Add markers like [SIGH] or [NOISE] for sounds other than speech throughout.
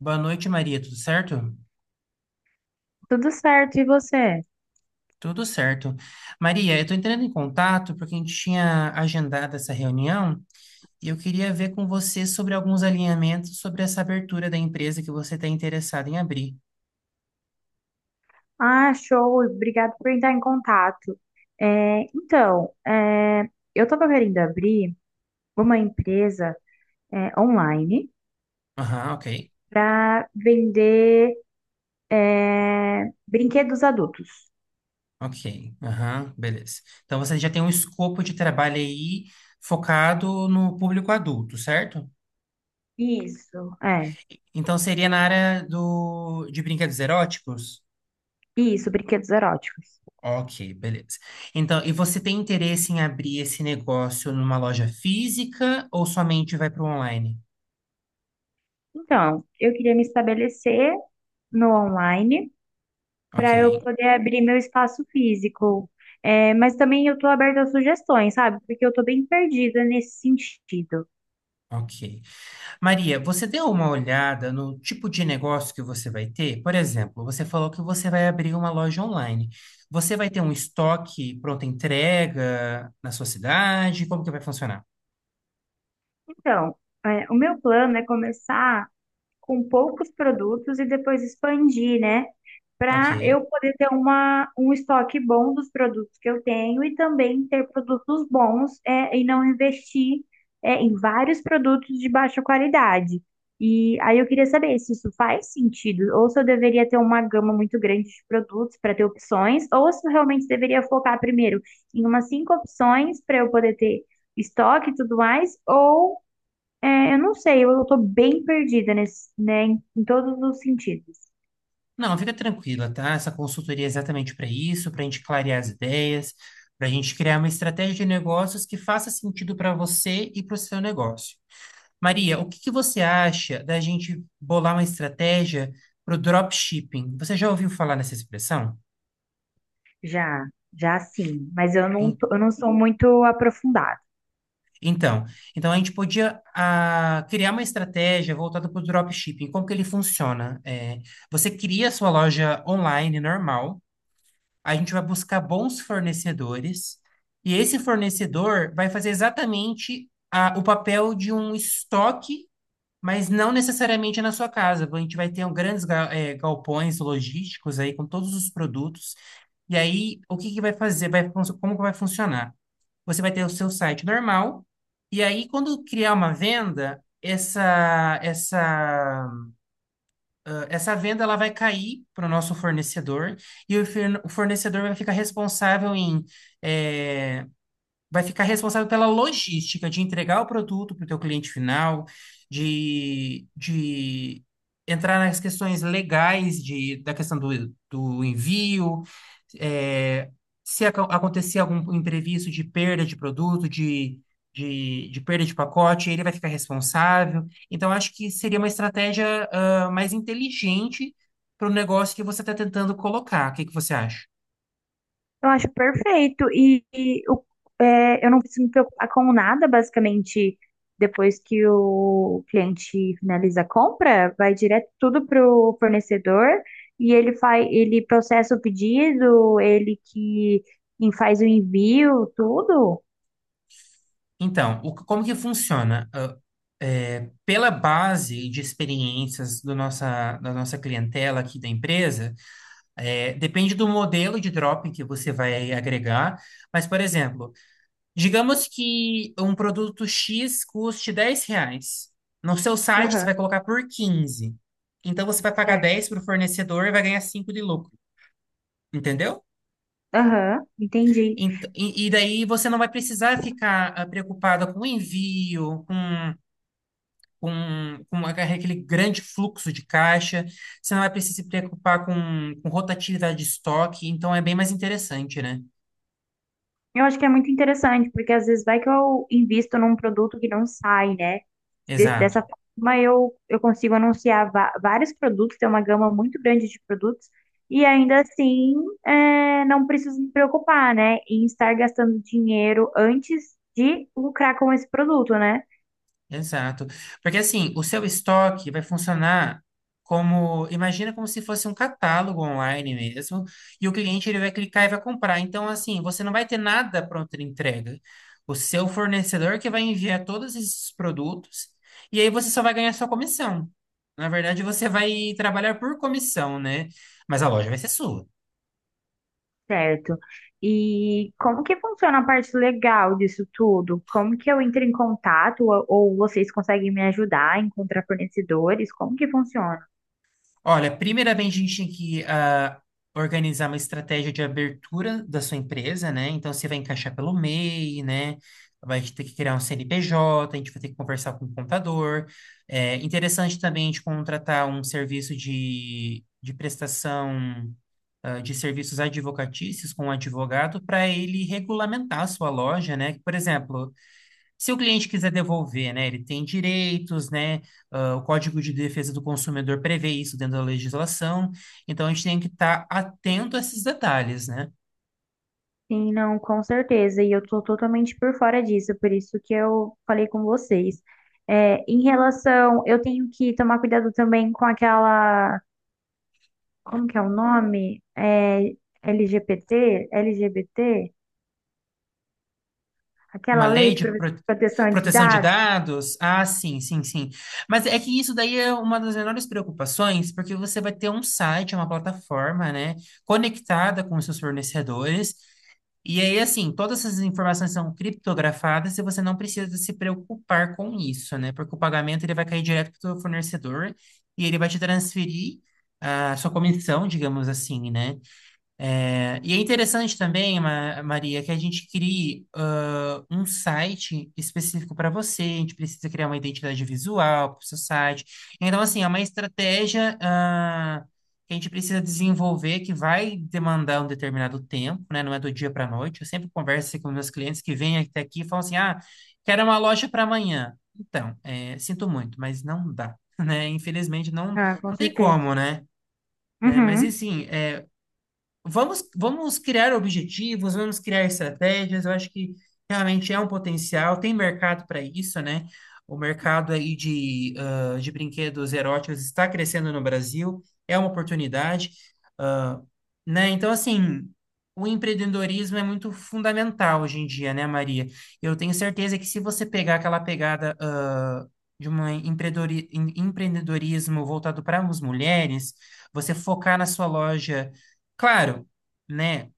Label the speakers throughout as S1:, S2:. S1: Boa noite, Maria. Tudo certo?
S2: Tudo certo, e você?
S1: Tudo certo. Maria, eu estou entrando em contato porque a gente tinha agendado essa reunião e eu queria ver com você sobre alguns alinhamentos sobre essa abertura da empresa que você está interessado em abrir.
S2: Ah, show, obrigado por entrar em contato. É, então, é, eu estava querendo abrir uma empresa é, online
S1: Aham, ok.
S2: para vender é, brinquedos adultos.
S1: Ok. Aham, beleza. Então você já tem um escopo de trabalho aí focado no público adulto, certo?
S2: Isso, é,
S1: Então seria na área do, de brinquedos eróticos?
S2: isso, brinquedos eróticos.
S1: Ok, beleza. Então, e você tem interesse em abrir esse negócio numa loja física ou somente vai para o online?
S2: Então, eu queria me estabelecer no online
S1: Ok,
S2: para eu poder abrir meu espaço físico. É, mas também eu estou aberta a sugestões, sabe? Porque eu estou bem perdida nesse sentido.
S1: ok. Maria, você deu uma olhada no tipo de negócio que você vai ter? Por exemplo, você falou que você vai abrir uma loja online. Você vai ter um estoque pronta entrega na sua cidade? Como que vai funcionar?
S2: Então, é, o meu plano é começar com poucos produtos e depois expandir, né? Para
S1: Ok.
S2: eu poder ter um estoque bom dos produtos que eu tenho e também ter produtos bons é, e não investir é, em vários produtos de baixa qualidade. E aí eu queria saber se isso faz sentido, ou se eu deveria ter uma gama muito grande de produtos para ter opções, ou se eu realmente deveria focar primeiro em umas cinco opções para eu poder ter estoque e tudo mais, ou é, eu não sei, eu tô bem perdida nesse, né, em todos os sentidos.
S1: Não, fica tranquila, tá? Essa consultoria é exatamente para isso, para a gente clarear as ideias, para a gente criar uma estratégia de negócios que faça sentido para você e para o seu negócio. Maria, o que que você acha da gente bolar uma estratégia para o dropshipping? Você já ouviu falar nessa expressão?
S2: Já, já sim, mas
S1: Em-
S2: eu não sou muito aprofundada.
S1: Então, então a gente podia criar uma estratégia voltada para o dropshipping. Como que ele funciona? É, você cria a sua loja online normal. A gente vai buscar bons fornecedores e esse fornecedor vai fazer exatamente o papel de um estoque, mas não necessariamente na sua casa. A gente vai ter um grandes galpões logísticos aí com todos os produtos. E aí, o que que vai fazer? Vai, como que vai funcionar? Você vai ter o seu site normal, e aí, quando criar uma venda, essa venda ela vai cair para o nosso fornecedor e o o fornecedor vai ficar responsável em eh, vai ficar responsável pela logística de entregar o produto para o teu cliente final, de entrar nas questões legais de, da questão do, do envio, é, se acontecer algum imprevisto de perda de produto, de perda de pacote, ele vai ficar responsável. Então, acho que seria uma estratégia, ah, mais inteligente para o negócio que você está tentando colocar. O que que você acha?
S2: Eu acho perfeito e é, eu não preciso me preocupar com nada, basicamente, depois que o cliente finaliza a compra, vai direto tudo pro fornecedor e ele processa o pedido, ele que faz o envio, tudo.
S1: Então, como que funciona? Ah, é, pela base de experiências do nossa, da nossa clientela aqui da empresa, é, depende do modelo de drop que você vai agregar. Mas, por exemplo, digamos que um produto X custe 10 reais. No seu site, você
S2: Aham,
S1: vai colocar por 15. Então, você vai pagar
S2: certo.
S1: 10 para o fornecedor e vai ganhar 5 de lucro. Entendeu?
S2: Aham, entendi.
S1: E daí você não vai precisar ficar preocupada com envio, com aquele grande fluxo de caixa, você não vai precisar se preocupar com rotatividade de estoque, então é bem mais interessante, né?
S2: Eu acho que é muito interessante, porque às vezes vai que eu invisto num produto que não sai, né? Des-
S1: Exato.
S2: dessa forma eu consigo anunciar vários produtos, ter uma gama muito grande de produtos, e ainda assim é, não preciso me preocupar, né? Em estar gastando dinheiro antes de lucrar com esse produto, né?
S1: Exato. Porque assim, o seu estoque vai funcionar como, imagina como se fosse um catálogo online mesmo, e o cliente ele vai clicar e vai comprar. Então, assim, você não vai ter nada pronto de entrega. O seu fornecedor que vai enviar todos esses produtos, e aí você só vai ganhar sua comissão. Na verdade, você vai trabalhar por comissão, né? Mas a loja vai ser sua.
S2: Certo. E como que funciona a parte legal disso tudo? Como que eu entro em contato? Ou vocês conseguem me ajudar a encontrar fornecedores? Como que funciona?
S1: Olha, primeiramente a gente tem que organizar uma estratégia de abertura da sua empresa, né? Então você vai encaixar pelo MEI, né? Vai ter que criar um CNPJ, a gente vai ter que conversar com o contador. É interessante também a gente contratar um serviço de prestação de serviços advocatícios com um advogado para ele regulamentar a sua loja, né? Por exemplo, se o cliente quiser devolver, né, ele tem direitos, né, ah, o Código de Defesa do Consumidor prevê isso dentro da legislação, então a gente tem que estar atento a esses detalhes, né?
S2: Sim, não, com certeza. E eu tô totalmente por fora disso, por isso que eu falei com vocês. É, em relação, eu tenho que tomar cuidado também com aquela, como que é o nome? É, LGBT, LGBT,
S1: Uma
S2: aquela lei
S1: lei
S2: de
S1: de
S2: proteção de
S1: proteção de
S2: dados.
S1: dados? Ah, sim, sim, sim. Mas é que isso daí é uma das menores preocupações, porque você vai ter um site, uma plataforma, né, conectada com os seus fornecedores. E aí, assim, todas essas informações são criptografadas e você não precisa se preocupar com isso, né? Porque o pagamento ele vai cair direto para o seu fornecedor e ele vai te transferir a sua comissão, digamos assim, né? É, e é interessante também, Maria, que a gente crie um site específico para você. A gente precisa criar uma identidade visual para o seu site. Então, assim, é uma estratégia que a gente precisa desenvolver que vai demandar um determinado tempo, né? Não é do dia para a noite. Eu sempre converso assim, com meus clientes que vêm até aqui e falam assim: ah, quero uma loja para amanhã. Então, é, sinto muito, mas não dá, [LAUGHS] né? Infelizmente, não,
S2: Ah, com
S1: não tem
S2: certeza.
S1: como, né? né? Mas,
S2: Uhum.
S1: assim, é, Vamos, criar objetivos, vamos criar estratégias. Eu acho que realmente é um potencial, tem mercado para isso, né? O mercado aí de, ah, de brinquedos eróticos está crescendo no Brasil, é uma oportunidade né? Então, assim, o empreendedorismo é muito fundamental hoje em dia, né, Maria? Eu tenho certeza que se você pegar aquela pegada, ah, de um empreendedorismo voltado para as mulheres, você focar na sua loja, claro, né?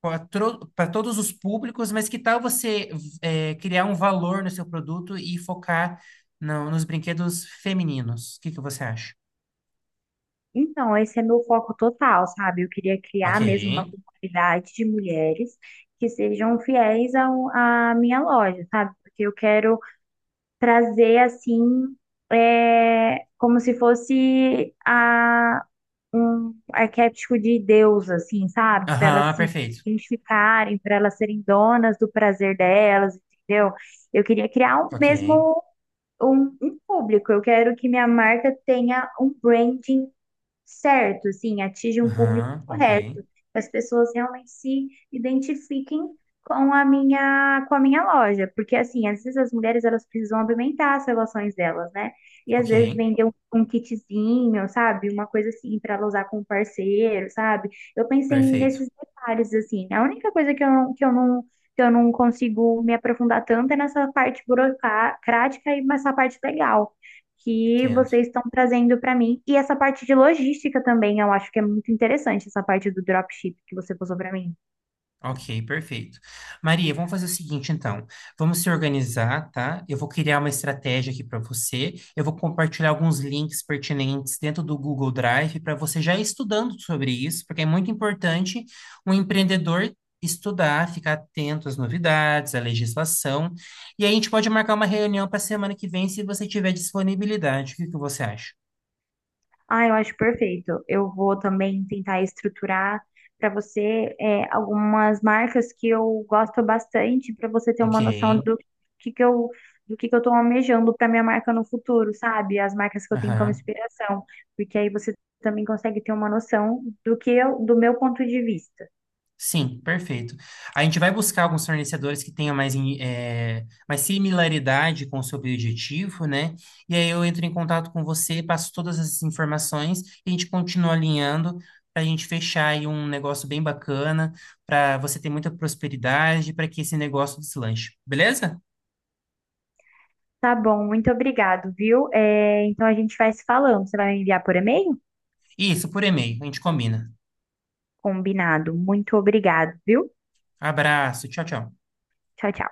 S1: Para todos os públicos, mas que tal você criar um valor no seu produto e focar nos brinquedos femininos? O que que você acha?
S2: Então, esse é meu foco total, sabe? Eu queria
S1: Ok.
S2: criar mesmo uma comunidade de mulheres que sejam fiéis à minha loja, sabe? Porque eu quero trazer assim, é, como se fosse um arquétipo de Deus, assim, sabe? Para
S1: Aham,
S2: elas se
S1: perfeito.
S2: identificarem, para elas serem donas do prazer delas, entendeu? Eu queria criar um
S1: Ok.
S2: mesmo um público. Eu quero que minha marca tenha um branding certo, assim, atinge um público
S1: Aham, ok,
S2: correto, que as pessoas realmente se identifiquem com a minha loja, porque assim, às vezes as mulheres elas precisam aumentar as relações delas, né? E às
S1: ok,
S2: vezes vender um kitzinho, sabe? Uma coisa assim para ela usar com o parceiro, sabe? Eu pensei
S1: perfeito,
S2: nesses detalhes assim. A única coisa que eu não consigo me aprofundar tanto é nessa parte burocrática e nessa parte legal que
S1: entendo.
S2: vocês estão trazendo para mim. E essa parte de logística também, eu acho que é muito interessante, essa parte do dropship que você passou para mim.
S1: Ok, perfeito. Maria, vamos fazer o seguinte, então. Vamos se organizar, tá? Eu vou criar uma estratégia aqui para você. Eu vou compartilhar alguns links pertinentes dentro do Google Drive para você já ir estudando sobre isso, porque é muito importante um empreendedor estudar, ficar atento às novidades, à legislação. E aí a gente pode marcar uma reunião para semana que vem, se você tiver disponibilidade. O que que você acha?
S2: Ah, eu acho perfeito. Eu vou também tentar estruturar para você é, algumas marcas que eu gosto bastante, para você ter
S1: Ok.
S2: uma noção que, que eu. Do que eu tô almejando para minha marca no futuro, sabe? As marcas que eu tenho como
S1: Aham.
S2: inspiração, porque aí você também consegue ter uma noção do meu ponto de vista.
S1: Sim, perfeito. A gente vai buscar alguns fornecedores que tenham mais, mais similaridade com o seu objetivo, né? E aí eu entro em contato com você, passo todas essas informações e a gente continua alinhando para a gente fechar aí um negócio bem bacana, para você ter muita prosperidade, para que esse negócio deslanche, beleza?
S2: Tá bom, muito obrigado, viu? É, então a gente vai se falando. Você vai me enviar por e-mail?
S1: Isso, por e-mail, a gente combina.
S2: Combinado. Muito obrigado, viu?
S1: Abraço, tchau, tchau.
S2: Tchau, tchau.